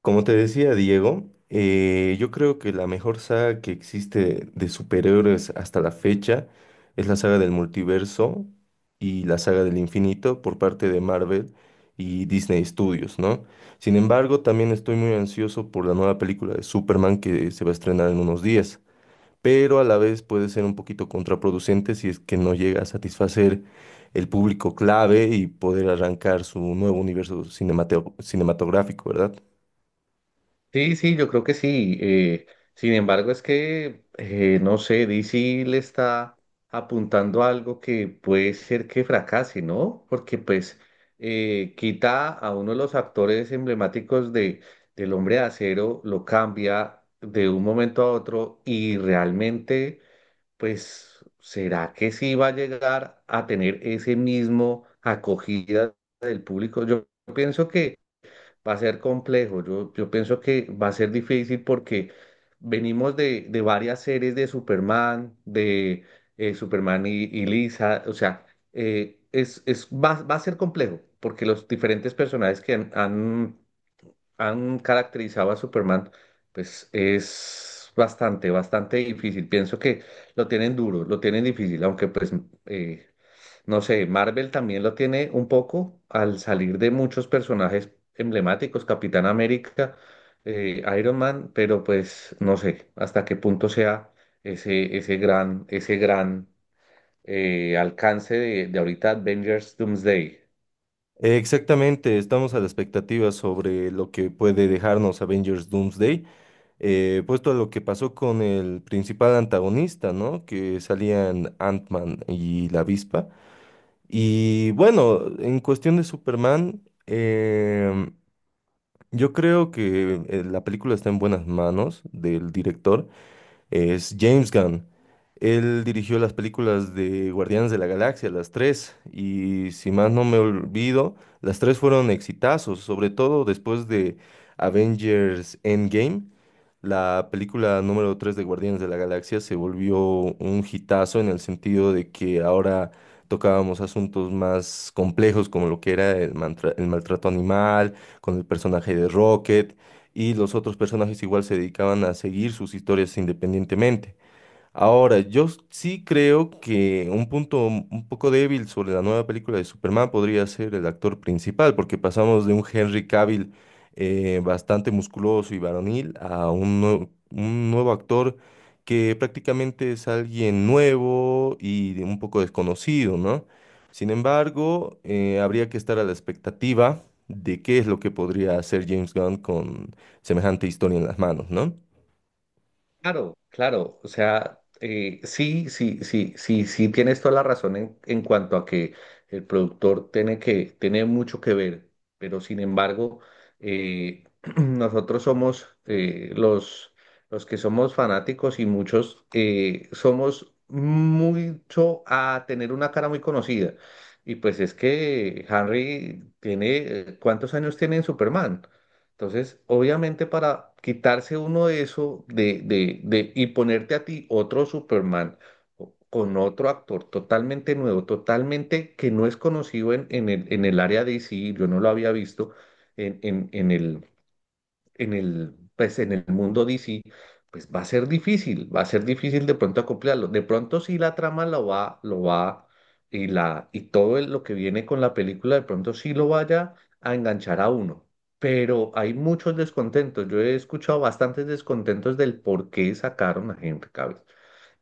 Como te decía Diego, yo creo que la mejor saga que existe de superhéroes hasta la fecha es la saga del multiverso y la saga del infinito por parte de Marvel y Disney Studios, ¿no? Sin embargo, también estoy muy ansioso por la nueva película de Superman que se va a estrenar en unos días, pero a la vez puede ser un poquito contraproducente si es que no llega a satisfacer el público clave y poder arrancar su nuevo universo cinematográfico, ¿verdad? Sí, sí, yo creo que sí. Sin embargo, es que, no sé, DC le está apuntando a algo que puede ser que fracase, ¿no? Porque pues quita a uno de los actores emblemáticos del Hombre de Acero, lo cambia de un momento a otro y realmente, pues, ¿será que sí va a llegar a tener ese mismo acogida del público? Yo pienso que va a ser complejo. Yo pienso que va a ser difícil porque venimos de varias series de Superman y Lisa. O sea, va a ser complejo porque los diferentes personajes que han caracterizado a Superman, pues es bastante, bastante difícil. Pienso que lo tienen duro, lo tienen difícil, aunque pues eh, no sé, Marvel también lo tiene un poco al salir de muchos personajes emblemáticos, Capitán América, Iron Man, pero pues no sé hasta qué punto sea ese gran alcance de ahorita Avengers Doomsday. Exactamente, estamos a la expectativa sobre lo que puede dejarnos Avengers Doomsday, puesto a lo que pasó con el principal antagonista, ¿no? Que salían Ant-Man y la Avispa. Y bueno, en cuestión de Superman, yo creo que la película está en buenas manos del director es James Gunn. Él dirigió las películas de Guardianes de la Galaxia, las tres, y si más no me olvido, las tres fueron exitazos, sobre todo después de Avengers Endgame. La película número 3 de Guardianes de la Galaxia se volvió un hitazo en el sentido de que ahora tocábamos asuntos más complejos como lo que era el, el maltrato animal, con el personaje de Rocket, y los otros personajes igual se dedicaban a seguir sus historias independientemente. Ahora, yo sí creo que un punto un poco débil sobre la nueva película de Superman podría ser el actor principal, porque pasamos de un Henry Cavill bastante musculoso y varonil a un nuevo actor que prácticamente es alguien nuevo y de un poco desconocido, ¿no? Sin embargo, habría que estar a la expectativa de qué es lo que podría hacer James Gunn con semejante historia en las manos, ¿no? Claro, claro, o sea, sí, sí, sí, sí, sí, tienes toda la razón en cuanto a que el productor tiene mucho que ver, pero sin embargo, eh, nosotros somos los que somos fanáticos y muchos somos mucho a tener una cara muy conocida. Y pues es que Henry tiene, ¿cuántos años tiene en Superman? Entonces, obviamente para quitarse uno de eso y ponerte a ti otro Superman con otro actor totalmente nuevo, totalmente que no es conocido en el área de DC, yo no lo había visto en, en, en el, pues, en el mundo DC, pues va a ser difícil, va a ser difícil de pronto acoplarlo. De pronto sí la trama y la, y todo el- lo que viene con la película, de pronto sí lo vaya a enganchar a uno. Pero hay muchos descontentos. Yo he escuchado bastantes descontentos del por qué sacaron a Henry Cavill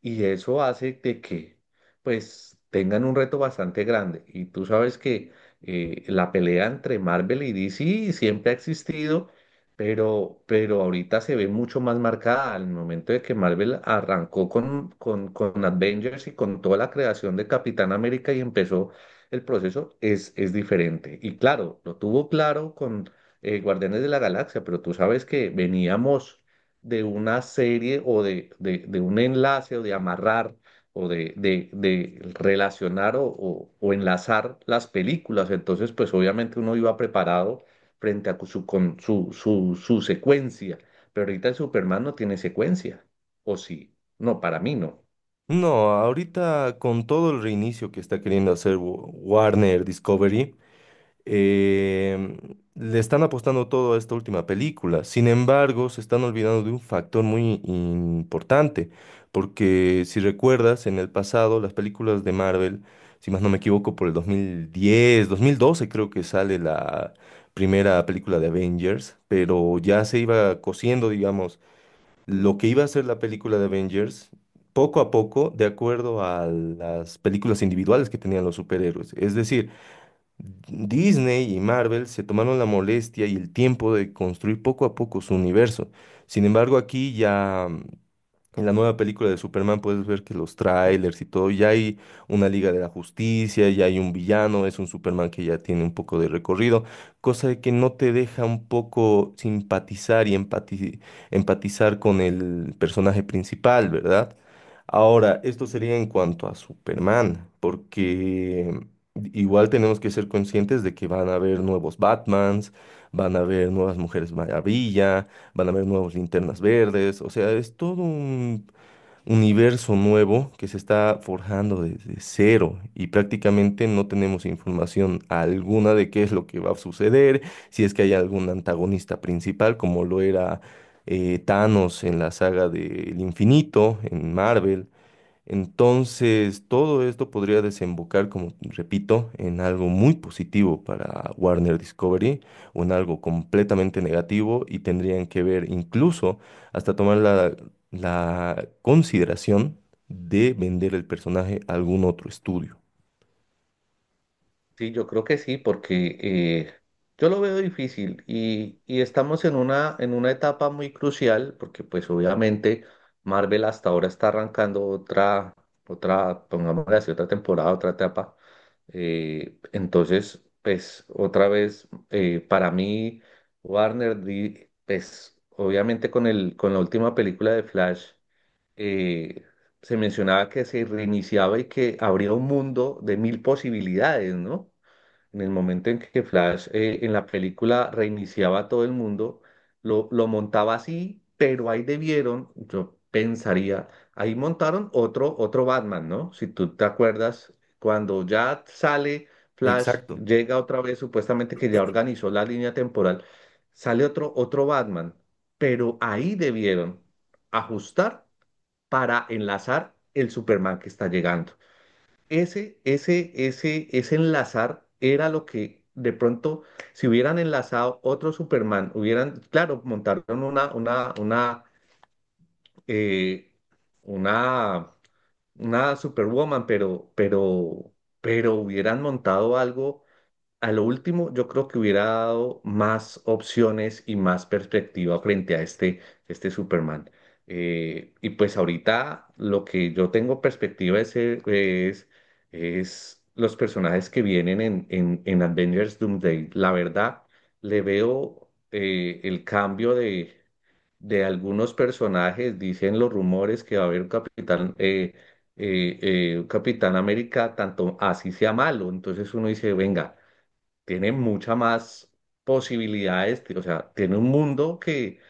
y eso hace de que pues tengan un reto bastante grande. Y tú sabes que la pelea entre Marvel y DC siempre ha existido, pero ahorita se ve mucho más marcada al momento de que Marvel arrancó con Avengers y con toda la creación de Capitán América y empezó el proceso, es diferente. Y claro, lo tuvo claro con Guardianes de la Galaxia, pero tú sabes que veníamos de una serie o de un enlace o de amarrar o de relacionar o enlazar las películas. Entonces, pues obviamente uno iba preparado frente a su, con, su secuencia, pero ahorita el Superman no tiene secuencia, ¿o sí? No, para mí no. No, ahorita con todo el reinicio que está queriendo hacer Warner Discovery, em, le están apostando todo a esta última película. Sin embargo, se están olvidando de un factor muy importante, porque si recuerdas, en el pasado las películas de Marvel, si más no me equivoco, por el 2010, 2012 creo que sale la primera película de Avengers, pero ya se iba cosiendo, digamos lo que iba a ser la película de Avengers, poco a poco, de acuerdo a las películas individuales que tenían los superhéroes. Es decir, Disney y Marvel se tomaron la molestia y el tiempo de construir poco a poco su universo. Sin embargo, aquí ya en la nueva película de Superman puedes ver que los trailers y todo, ya hay una Liga de la Justicia, ya hay un villano, es un Superman que ya tiene un poco de recorrido, cosa de que no te deja un poco simpatizar y empatizar con el personaje principal, ¿verdad? Ahora, esto sería en cuanto a Superman, porque igual tenemos que ser conscientes de que van a haber nuevos Batmans, van a haber nuevas Mujeres Maravilla van a haber nuevos linternas verdes, o sea, es todo un universo nuevo que se está forjando desde cero y prácticamente no tenemos información alguna de qué es lo que va a suceder, si es que hay algún antagonista principal como lo era Thanos en la saga del infinito, en Marvel. Entonces, todo esto podría desembocar, como repito, en algo muy positivo para Warner Discovery o en algo completamente negativo y tendrían que ver incluso hasta tomar la consideración de vender el personaje a algún otro estudio. Sí, yo creo que sí, porque yo lo veo difícil y estamos en una etapa muy crucial, porque pues obviamente Marvel hasta ahora está arrancando pongámosle así, otra temporada, otra etapa. Entonces, pues otra vez, para mí, Warner, pues obviamente con la última película de Flash, eh, se mencionaba que se reiniciaba y que habría un mundo de mil posibilidades, ¿no? En el momento en que Flash en la película reiniciaba a todo el mundo, lo montaba así, pero ahí debieron, yo pensaría, ahí montaron otro Batman, ¿no? Si tú te acuerdas, cuando ya sale Flash, Exacto. llega otra vez, supuestamente que ya organizó la línea temporal, sale otro Batman, pero ahí debieron ajustar para enlazar el Superman que está llegando. Ese enlazar era lo que de pronto, si hubieran enlazado otro Superman, hubieran, claro, montaron eh, una, una Superwoman, pero hubieran montado algo a lo último, yo creo que hubiera dado más opciones y más perspectiva frente a este Superman. Y pues ahorita lo que yo tengo perspectiva es, es los personajes que vienen en Avengers Doomsday. La verdad, le veo el cambio de algunos personajes. Dicen los rumores que va a haber un Capitán América, tanto así sea malo. Entonces uno dice, venga tiene mucha más posibilidades, o sea, tiene un mundo que,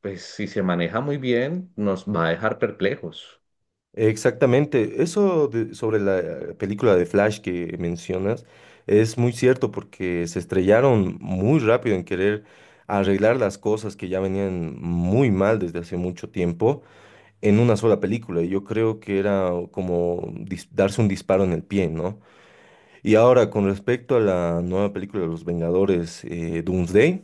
pues, si se maneja muy bien, nos va a dejar perplejos. Exactamente, sobre la película de Flash que mencionas es muy cierto porque se estrellaron muy rápido en querer arreglar las cosas que ya venían muy mal desde hace mucho tiempo en una sola película. Y yo creo que era como darse un disparo en el pie, ¿no? Y ahora con respecto a la nueva película de Los Vengadores, Doomsday.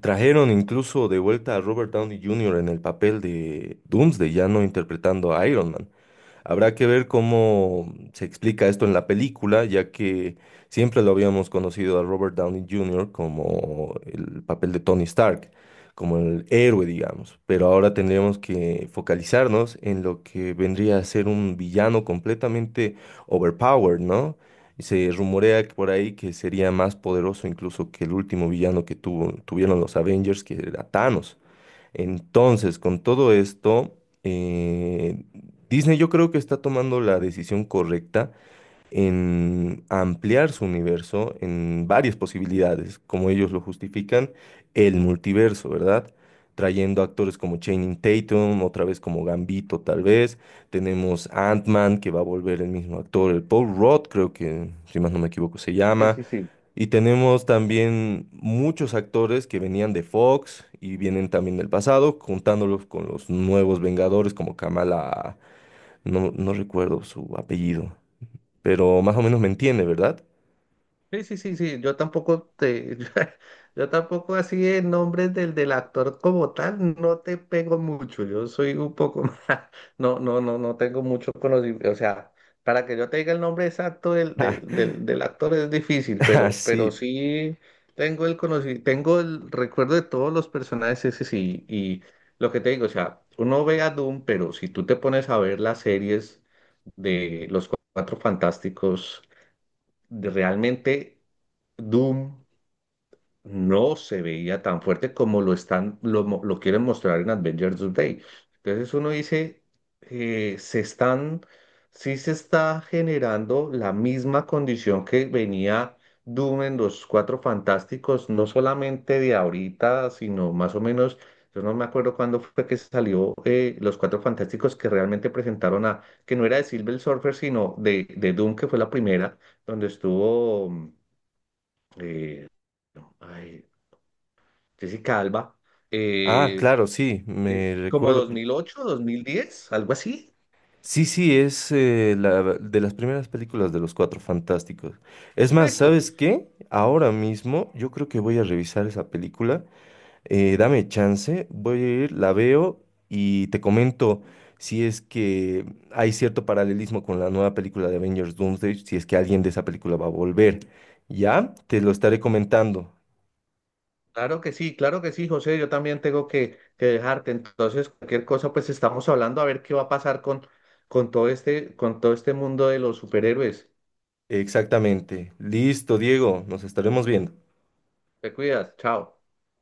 Trajeron incluso de vuelta a Robert Downey Jr. en el papel de Doomsday, ya no interpretando a Iron Man. Habrá que ver cómo se explica esto en la película, ya que siempre lo habíamos conocido a Robert Downey Jr. como el papel de Tony Stark, como el héroe, digamos. Pero ahora tendríamos que focalizarnos en lo que vendría a ser un villano completamente overpowered, ¿no? Y se rumorea que por ahí que sería más poderoso incluso que el último villano que tuvieron los Avengers, que era Thanos. Entonces, con todo esto, eh, Disney yo creo que está tomando la decisión correcta en ampliar su universo en varias posibilidades, como ellos lo justifican, el multiverso, ¿verdad? Trayendo actores como Channing Tatum, otra vez como Gambito, tal vez. Tenemos Ant-Man, que va a volver el mismo actor, el Paul Rudd, creo que, si más no me equivoco, se Sí, llama. sí, sí. Y tenemos también muchos actores que venían de Fox y vienen también del pasado, juntándolos con los nuevos Vengadores como Kamala, no, no recuerdo su apellido, pero más o menos me entiende, ¿verdad? Sí, sí, sí, sí, yo tampoco te, yo, tampoco así en nombre del actor como tal, no te pego mucho, yo soy un poco más, no, no, no, no tengo mucho conocimiento, o sea, para que yo te diga el nombre exacto del, del, del, del actor es difícil, Ah, pero sí. sí tengo el conocimiento, tengo el recuerdo de todos los personajes ese sí, y lo que te digo, o sea, uno ve a Doom, pero si tú te pones a ver las series de Los Cuatro Fantásticos, de realmente Doom no se veía tan fuerte como lo están, lo, mo- lo quieren mostrar en Avengers Day. Entonces uno dice, eh, se están, sí se está generando la misma condición que venía Doom en los Cuatro Fantásticos, no solamente de ahorita, sino más o menos, yo no me acuerdo cuándo fue que salió los Cuatro Fantásticos que realmente presentaron a, que no era de Silver Surfer, sino de Doom, que fue la primera, donde estuvo eh, no, ay, Jessica Alba, Ah, eh, claro, sí, me es como recuerdo. 2008, 2010 algo así. Sí, sí, es de las primeras películas de los Cuatro Fantásticos. Es más, Correcto. ¿sabes qué? Ahora mismo yo creo que voy a revisar esa película. Dame chance, voy a ir, la veo y te comento si es que hay cierto paralelismo con la nueva película de Avengers Doomsday, si es que alguien de esa película va a volver. ¿Ya? Te lo estaré comentando. Claro que sí, José. Yo también tengo que dejarte. Entonces, cualquier cosa, pues estamos hablando a ver qué va a pasar con todo este mundo de los superhéroes. Exactamente. Listo, Diego, nos estaremos viendo. Te cuidas, chao.